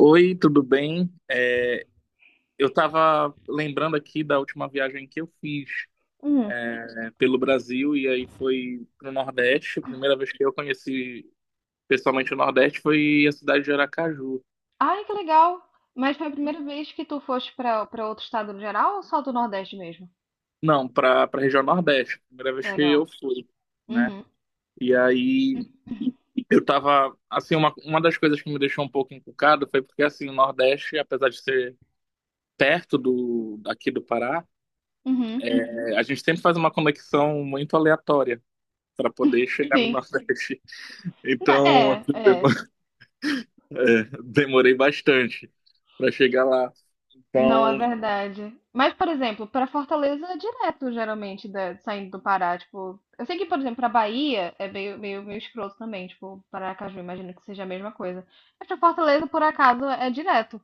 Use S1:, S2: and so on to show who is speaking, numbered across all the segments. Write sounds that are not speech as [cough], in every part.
S1: Oi, tudo bem? Eu estava lembrando aqui da última viagem que eu fiz,
S2: Hum.
S1: né, pelo Brasil e aí foi para o Nordeste. A primeira vez que eu conheci pessoalmente o Nordeste foi a cidade de Aracaju.
S2: Ai, que legal! Mas foi a primeira vez que tu foste pra para outro estado no geral ou só do Nordeste mesmo?
S1: Não, para a região Nordeste, primeira vez que
S2: Legal.
S1: eu fui, né?
S2: Uhum.
S1: E aí eu tava, assim, uma das coisas que me deixou um pouco encucado foi porque, assim, o Nordeste, apesar de ser perto do, aqui do Pará,
S2: Uhum.
S1: a gente sempre faz uma conexão muito aleatória para poder chegar no
S2: Sim.
S1: Nordeste. [laughs]
S2: Não,
S1: Então,
S2: é,
S1: assim,
S2: é.
S1: [laughs] demorei bastante para chegar lá.
S2: Não é
S1: Então,
S2: verdade. Mas, por exemplo, pra Fortaleza é direto, geralmente, saindo do Pará. Tipo, eu sei que, por exemplo, pra Bahia é meio escroto também. Tipo, Paracaju, imagino que seja a mesma coisa. Mas pra Fortaleza, por acaso, é direto.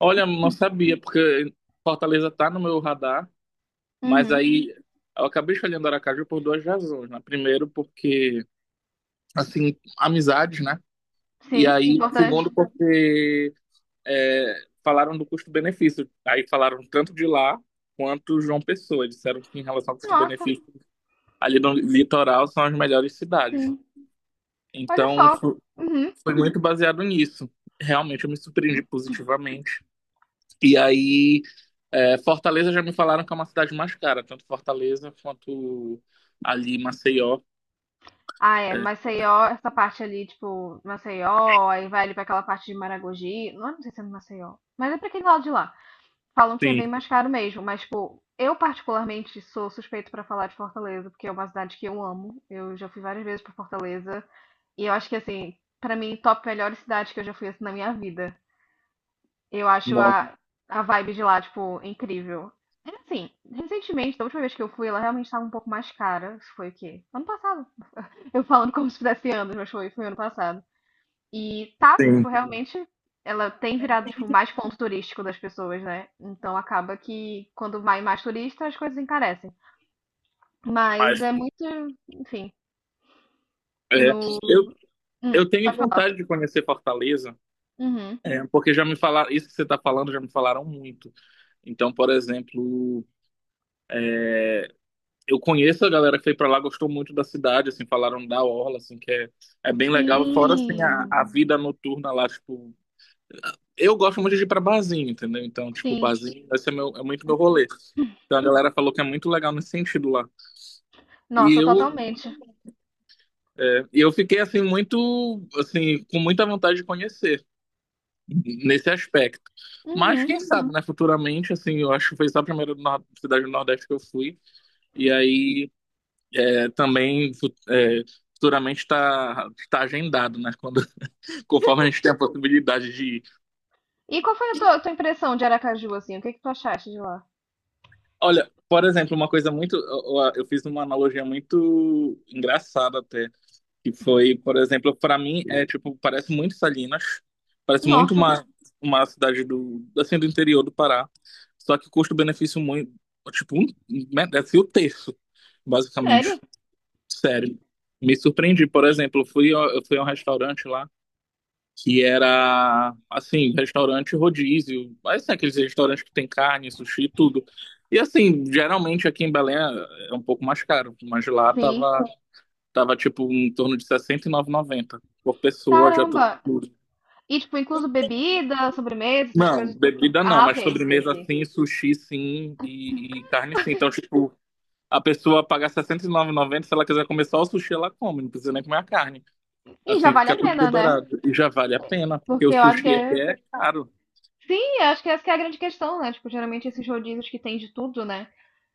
S1: olha, não sabia, porque Fortaleza tá no meu radar, mas
S2: Uhum.
S1: aí eu acabei escolhendo Aracaju por duas razões, né? Primeiro, porque, assim, amizades, né? E
S2: Sim,
S1: aí,
S2: importante.
S1: segundo, porque falaram do custo-benefício. Aí falaram tanto de lá quanto João Pessoa. Disseram que em relação ao
S2: Nossa,
S1: custo-benefício, ali no litoral são as melhores cidades.
S2: sim. Olha
S1: Então,
S2: só. Uhum.
S1: foi muito baseado nisso. Realmente eu me surpreendi positivamente. E aí, Fortaleza já me falaram que é uma cidade mais cara, tanto Fortaleza quanto ali Maceió.
S2: Ah, é,
S1: É,
S2: Maceió, essa parte ali, tipo, Maceió, aí vai ali pra aquela parte de Maragogi, não, não sei se é no Maceió, mas é pra aquele lado de lá. Falam que é
S1: sim,
S2: bem mais caro mesmo, mas, tipo, eu particularmente sou suspeito pra falar de Fortaleza, porque é uma cidade que eu amo, eu já fui várias vezes pra Fortaleza, e eu acho que, assim, pra mim, top melhores cidades que eu já fui, assim, na minha vida. Eu acho
S1: não,
S2: a vibe de lá, tipo, incrível. É assim, recentemente, da última vez que eu fui, ela realmente estava um pouco mais cara, isso foi o quê? Ano passado, eu falando como se fizesse anos, mas foi ano passado. E tá,
S1: sim.
S2: tipo, realmente ela tem virado, tipo, mais ponto turístico das pessoas, né? Então acaba que quando vai mais turista, as coisas encarecem. Mas
S1: Mas
S2: é muito, enfim,
S1: é,
S2: no.
S1: eu, eu tenho
S2: Pode falar.
S1: vontade de conhecer Fortaleza,
S2: Uhum.
S1: porque já me falaram, isso que você está falando, já me falaram muito. Então, por exemplo, eu conheço a galera que foi para lá, gostou muito da cidade, assim, falaram da orla, assim, que é bem legal. Fora, assim, a,
S2: Sim,
S1: a vida noturna lá, tipo, eu gosto muito de ir pra barzinho, entendeu? Então, tipo,
S2: sim.
S1: barzinho, esse é, meu, é muito meu rolê. Então a galera falou que é muito legal nesse sentido lá. E
S2: Nossa,
S1: eu,
S2: totalmente.
S1: e eu fiquei assim muito, assim, com muita vontade de conhecer nesse aspecto. Mas
S2: Uhum.
S1: quem sabe, né, futuramente, assim, eu acho que foi só a primeira cidade do Nordeste que eu fui. E aí também futuramente está tá tá agendado, né? Quando, [laughs] conforme a gente tem a possibilidade de ir.
S2: E qual foi a tua impressão de Aracaju, assim? O que que tu achaste de lá?
S1: Olha, por exemplo, uma coisa muito. Eu fiz uma analogia muito engraçada até, que foi, por exemplo, pra mim é tipo, parece muito Salinas, parece muito
S2: Nossa,
S1: uma cidade do, assim, do interior do Pará, só que custo-benefício muito. Tipo, um, merece o terço,
S2: sério?
S1: basicamente. Sério. Me surpreendi, por exemplo, eu fui a um restaurante lá que era, assim, restaurante rodízio, mas assim, aqueles restaurantes que tem carne, sushi, tudo. E assim, geralmente aqui em Belém é um pouco mais caro, mas lá
S2: Sim.
S1: tava tipo em torno de R$ sessenta e nove e noventa por pessoa, já tudo.
S2: Caramba,
S1: incluso.
S2: e, tipo, incluso bebida, sobremesa, essas
S1: Não,
S2: coisas tudo.
S1: bebida não,
S2: Ah,
S1: mas
S2: ok, ok,
S1: sobremesa
S2: ok.
S1: sim, sushi sim e carne sim. Então, tipo, a pessoa paga R$ sessenta e nove e noventa, se ela quiser comer só o sushi, ela come, não precisa nem comer a carne.
S2: E já
S1: Assim,
S2: vale a
S1: fica tudo
S2: pena, né?
S1: liberado. E já vale a pena, porque o
S2: Porque eu acho que
S1: sushi aqui
S2: é.
S1: é caro.
S2: Sim, eu acho que essa que é a grande questão, né? Tipo, geralmente esses rodízios que tem de tudo, né?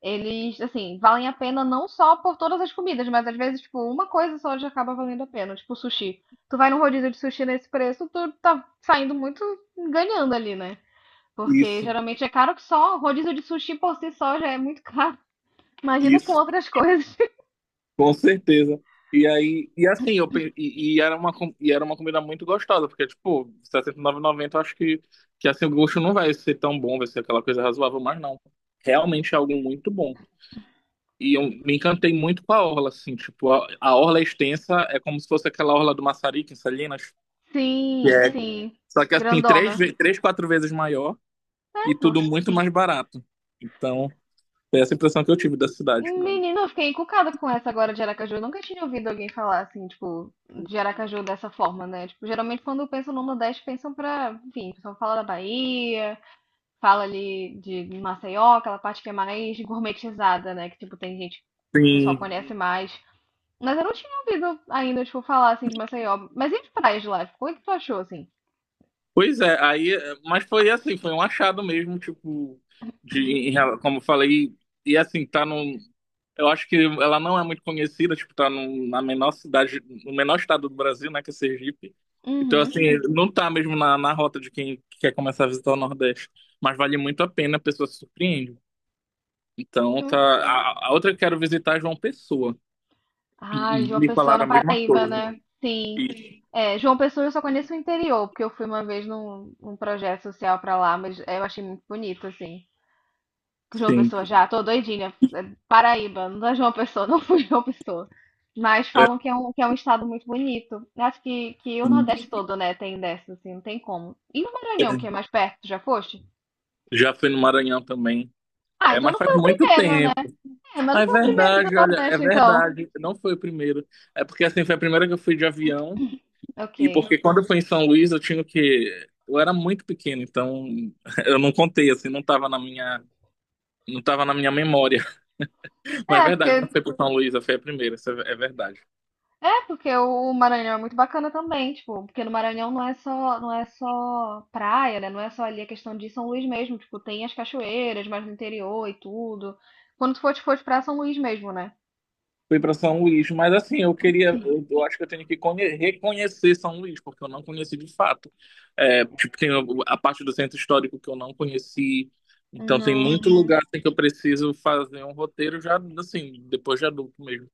S2: Eles, assim, valem a pena não só por todas as comidas, mas às vezes, tipo, uma coisa só já acaba valendo a pena, tipo sushi. Tu vai num rodízio de sushi nesse preço, tu tá saindo muito ganhando ali, né? Porque
S1: Isso,
S2: geralmente é caro que só, rodízio de sushi por si só já é muito caro. Imagina com
S1: isso.
S2: outras coisas.
S1: Com certeza. E aí, e assim, eu, pe- e era uma, com- e era uma comida muito gostosa, porque, tipo, sessenta e R$69,90 eu acho que assim, o gosto não vai ser tão bom, vai ser aquela coisa razoável, mas não. Realmente é algo muito bom. E eu me encantei muito com a orla, assim, tipo, a orla é extensa é como se fosse aquela orla do Maçarico, em Salinas.
S2: Sim,
S1: É.
S2: sim.
S1: Só que, assim, três,
S2: Grandona.
S1: ve- três, quatro vezes maior e
S2: Égua.
S1: tudo muito mais barato. Então, é essa impressão que eu tive da cidade.
S2: Menina, eu fiquei encucada com essa agora de Aracaju. Eu nunca tinha ouvido alguém falar assim, tipo, de Aracaju dessa forma, né? Tipo, geralmente quando pensam no Nordeste, pensam pra, enfim, o pessoal fala da Bahia, fala ali de Maceió, aquela parte que é mais gourmetizada, né? Que, tipo, tem gente, o pessoal
S1: Sim.
S2: conhece, uhum, mais. Mas eu não tinha ouvido ainda, tipo, falar assim de Maceió. Mas e as praias de lá? Tipo, como é que tu achou, assim?
S1: Pois é, aí, mas foi assim, foi um achado mesmo, tipo, como eu falei, e assim, tá num, eu acho que ela não é muito conhecida, tipo, tá num, na menor cidade, no menor estado do Brasil, né, que é Sergipe, então
S2: Uhum.
S1: assim, não tá mesmo na, rota de quem quer começar a visitar o Nordeste, mas vale muito a pena, a pessoa se surpreende, então tá, a outra que quero visitar é João Pessoa.
S2: Ah,
S1: E
S2: João
S1: me
S2: Pessoa
S1: falaram
S2: na
S1: a mesma
S2: Paraíba,
S1: coisa.
S2: né? Sim.
S1: E,
S2: É, João Pessoa eu só conheço o interior, porque eu fui uma vez num projeto social pra lá, mas eu achei muito bonito, assim. João
S1: sim,
S2: Pessoa já, tô doidinha. É Paraíba, não é João Pessoa, [laughs] não fui João Pessoa. Mas
S1: é,
S2: falam que é um estado muito bonito. Eu acho que o Nordeste todo, né, tem dessa, assim, não tem como. E o
S1: é,
S2: Maranhão, que é mais perto, já foste?
S1: já fui no Maranhão também.
S2: Ah,
S1: É,
S2: então
S1: mas
S2: não
S1: faz
S2: foi o
S1: muito
S2: primeiro, né?
S1: tempo.
S2: É, mas
S1: Ah,
S2: não
S1: é
S2: foi o primeiro do
S1: verdade, olha, é
S2: Nordeste, então.
S1: verdade. Não foi o primeiro. É porque assim, foi a primeira que eu fui de avião. E
S2: Ok.
S1: porque quando eu fui em São Luís, eu tinha o quê? Eu era muito pequeno, então [laughs] eu não contei, assim, não tava na minha memória. [laughs] Mas é
S2: É,
S1: verdade, não
S2: porque
S1: foi pro São Luís, foi a primeira, isso é verdade.
S2: É, porque o Maranhão é muito bacana também, tipo, porque no Maranhão não é só praia, né? Não é só ali a questão de São Luís mesmo, tipo, tem as cachoeiras mais no interior e tudo. Quando tu for pra São Luís mesmo, né?
S1: Fui para São Luís, mas assim, eu queria, eu acho que eu tenho que reconhecer São Luís, porque eu não conheci de fato. É, tipo, tem a parte do centro histórico que eu não conheci, então tem
S2: No,
S1: muito lugar assim, que eu preciso fazer um roteiro já, assim, depois de adulto mesmo.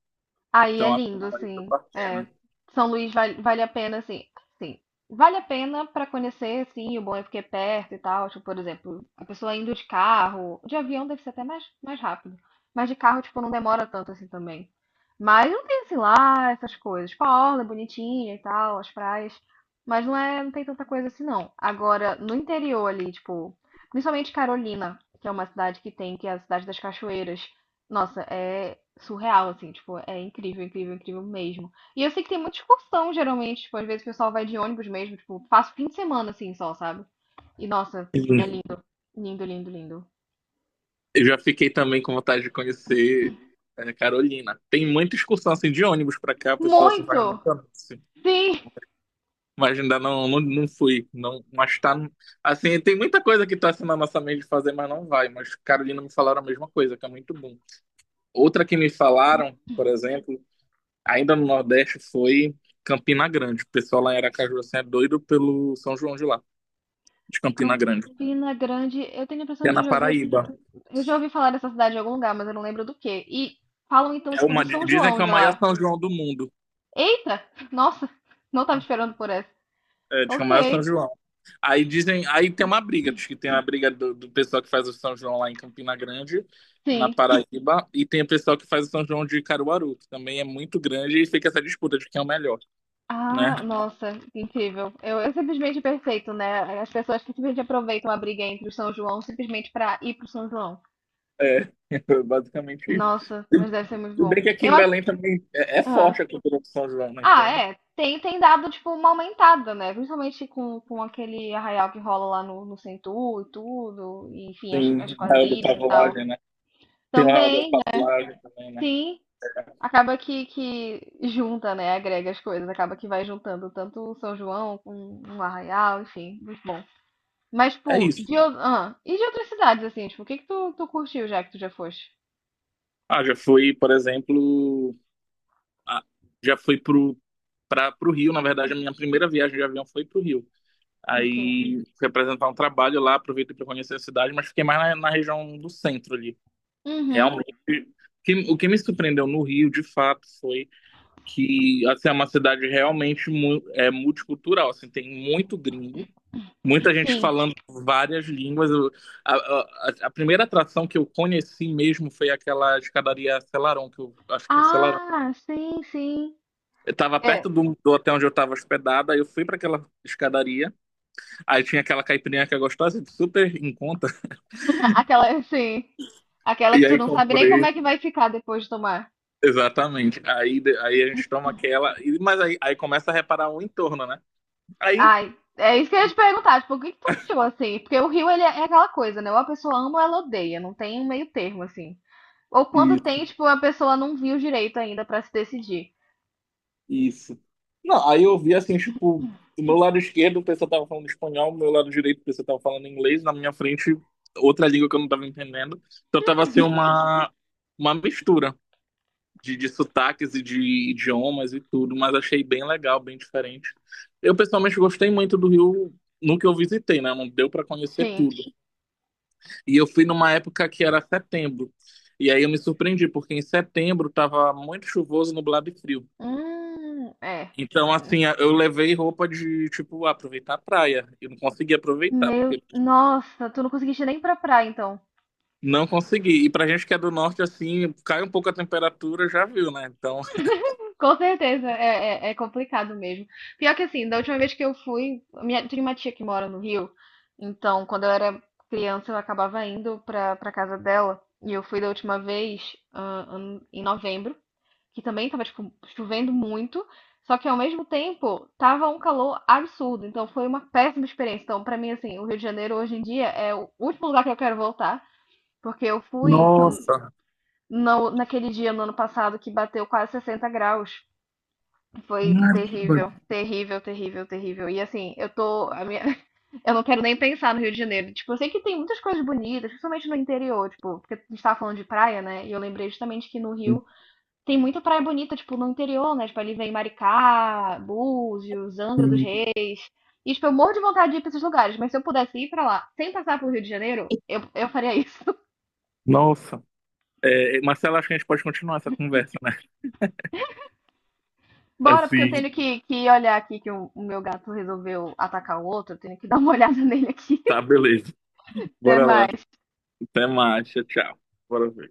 S2: aí é
S1: Então, acho
S2: lindo,
S1: que
S2: assim.
S1: vale a
S2: É,
S1: pena.
S2: São Luís vale a pena, assim. Sim, vale a pena para conhecer, sim, o bom é porque é perto e tal. Tipo, por exemplo, a pessoa indo de carro, de avião deve ser até mais rápido. Mas de carro, tipo, não demora tanto assim também. Mas não tem, assim, lá essas coisas. Tipo, a orla é bonitinha e tal, as praias. Mas não tem tanta coisa assim, não. Agora, no interior ali, tipo, principalmente Carolina, que é uma cidade que é a cidade das cachoeiras. Nossa, é surreal, assim, tipo, é incrível, incrível, incrível mesmo. E eu sei que tem muita excursão, geralmente, tipo, às vezes o pessoal vai de ônibus mesmo, tipo, passa o fim de semana, assim, só, sabe? E, nossa, é
S1: Sim.
S2: lindo, lindo, lindo, lindo.
S1: Eu já fiquei também com vontade de conhecer Carolina. Tem muita excursão assim, de ônibus para cá, a pessoa assim, faz
S2: Muito!
S1: muito anúncio.
S2: Sim!
S1: Mas ainda não, não, não fui. Não, mas tá. Assim, tem muita coisa que tá assim na nossa mente de fazer, mas não vai. Mas Carolina me falaram a mesma coisa, que é muito bom. Outra que me falaram, por exemplo, ainda no Nordeste, foi Campina Grande. O pessoal lá em Aracaju assim, é doido pelo São João de lá, de Campina Grande.
S2: Campina Grande, eu tenho a
S1: Que
S2: impressão
S1: é
S2: de
S1: na
S2: já ouvir,
S1: Paraíba.
S2: eu já ouvi falar dessa cidade em algum lugar, mas eu não lembro do quê. E falam, então,
S1: É
S2: tipo, do
S1: uma,
S2: São
S1: dizem que
S2: João
S1: é o
S2: de
S1: maior
S2: lá.
S1: São João do mundo.
S2: Eita! Nossa, não tava esperando por essa.
S1: É, diz que é o maior São
S2: Ok,
S1: João. Aí dizem, aí tem uma briga, diz que tem a briga do pessoal que faz o São João lá em Campina Grande, na
S2: sim.
S1: Paraíba, e tem o pessoal que faz o São João de Caruaru, que também é muito grande, e fica essa disputa de quem é o melhor, né?
S2: Ah, nossa, que incrível. Eu simplesmente perfeito, né? As pessoas que simplesmente aproveitam a briga entre o São João simplesmente para ir pro São João.
S1: É, [laughs] basicamente isso.
S2: Nossa, mas deve ser muito
S1: Tudo
S2: bom.
S1: bem que aqui
S2: Eu
S1: em
S2: acho.
S1: Belém também é
S2: Ah,
S1: forte a cultura do São João, né?
S2: ah,
S1: Então
S2: é. Tem dado, tipo, uma aumentada, né? Principalmente com aquele arraial que rola lá no Centur e tudo. E, enfim, as,
S1: tem o
S2: as
S1: Arraial da
S2: quadrilhas e tal.
S1: Pavulagem, né? Tem o Arraial da
S2: Também,
S1: Pavulagem também, né?
S2: sim, acaba que junta, né? Agrega as coisas. Acaba que vai juntando tanto o São João com um arraial, enfim, muito bom. Mas,
S1: É
S2: tipo,
S1: isso.
S2: e de outras cidades, assim, tipo, o que que tu curtiu já que tu já foste?
S1: Ah, já fui, por exemplo, ah, já fui pro Rio, na verdade, a minha primeira viagem de avião foi pro Rio.
S2: Ok.
S1: Aí fui apresentar um trabalho lá, aproveitei para conhecer a cidade, mas fiquei mais na, região do centro ali.
S2: Uhum.
S1: Realmente, o que me surpreendeu no Rio, de fato, foi que assim, é uma cidade realmente é multicultural, assim, tem muito gringo, muita gente
S2: Sim.
S1: falando várias línguas. A primeira atração que eu conheci mesmo foi aquela escadaria Selarón, que eu acho que é Selarón.
S2: Ah, sim, sim.
S1: Eu estava
S2: É,
S1: perto do hotel onde eu estava hospedada, aí eu fui para aquela escadaria, aí tinha aquela caipirinha que é gostosa, super em conta.
S2: [laughs] aquela, sim. Aquela
S1: E
S2: que tu
S1: aí
S2: não sabe nem como
S1: comprei.
S2: é que vai ficar depois de tomar.
S1: Exatamente. Aí, aí a gente toma aquela. Mas aí começa a reparar o entorno, né? Aí.
S2: Ai, é isso que eu ia te perguntar, tipo, o que que tu achou, assim? Porque o Rio, ele é aquela coisa, né? Ou a pessoa ama ou ela odeia, não tem um meio termo, assim. Ou quando
S1: Isso,
S2: tem, tipo, a pessoa não viu direito ainda pra se decidir.
S1: isso. Não, aí eu
S2: E-
S1: vi assim, tipo, do meu lado esquerdo o pessoal tava falando espanhol, do meu lado direito o pessoal tava falando inglês, na minha frente outra língua que eu não tava entendendo. Então tava assim uma mistura de sotaques e de idiomas e tudo, mas achei bem legal, bem diferente. Eu pessoalmente gostei muito do Rio no que eu visitei, né? Não deu pra conhecer
S2: Sim.
S1: tudo. E eu fui numa época que era setembro. E aí eu me surpreendi, porque em setembro tava muito chuvoso, nublado e frio.
S2: É.
S1: Então, assim, eu levei roupa de, tipo, aproveitar a praia. Eu não consegui aproveitar,
S2: Meu,
S1: porque
S2: nossa, tu não conseguiste nem ir pra praia, então.
S1: não consegui. E pra gente que é do norte, assim, cai um pouco a temperatura, já viu, né? Então,
S2: Com certeza, é complicado mesmo. Pior que assim, da última vez que eu fui, tem uma tia que mora no Rio, então quando eu era criança eu acabava indo pra casa dela, e eu fui da última vez em novembro, que também tava, tipo, chovendo muito, só que ao mesmo tempo tava um calor absurdo, então foi uma péssima experiência. Então, pra mim, assim, o Rio de Janeiro hoje em dia é o último lugar que eu quero voltar, porque eu fui.
S1: nossa,
S2: No, Naquele dia no ano passado que bateu quase 60 graus. Foi
S1: caramba.
S2: terrível, terrível, terrível, terrível. E assim, eu tô. [laughs] Eu não quero nem pensar no Rio de Janeiro. Tipo, eu sei que tem muitas coisas bonitas, principalmente no interior, tipo, porque a gente tava falando de praia, né? E eu lembrei justamente que no Rio tem muita praia bonita, tipo, no interior, né? Tipo, ali vem Maricá, Búzios, Angra dos Reis. E, tipo, eu morro de vontade de ir pra esses lugares, mas se eu pudesse ir pra lá sem passar pelo Rio de Janeiro, eu faria isso.
S1: nossa. É, Marcelo, acho que a gente pode continuar essa conversa, né?
S2: Bora, porque eu
S1: Assim,
S2: tenho que olhar aqui que o meu gato resolveu atacar o outro. Eu tenho que [laughs] dar uma olhada nele aqui.
S1: tá,
S2: [laughs]
S1: beleza.
S2: Até
S1: Bora lá.
S2: mais.
S1: Até mais. Tchau, tchau. Bora ver.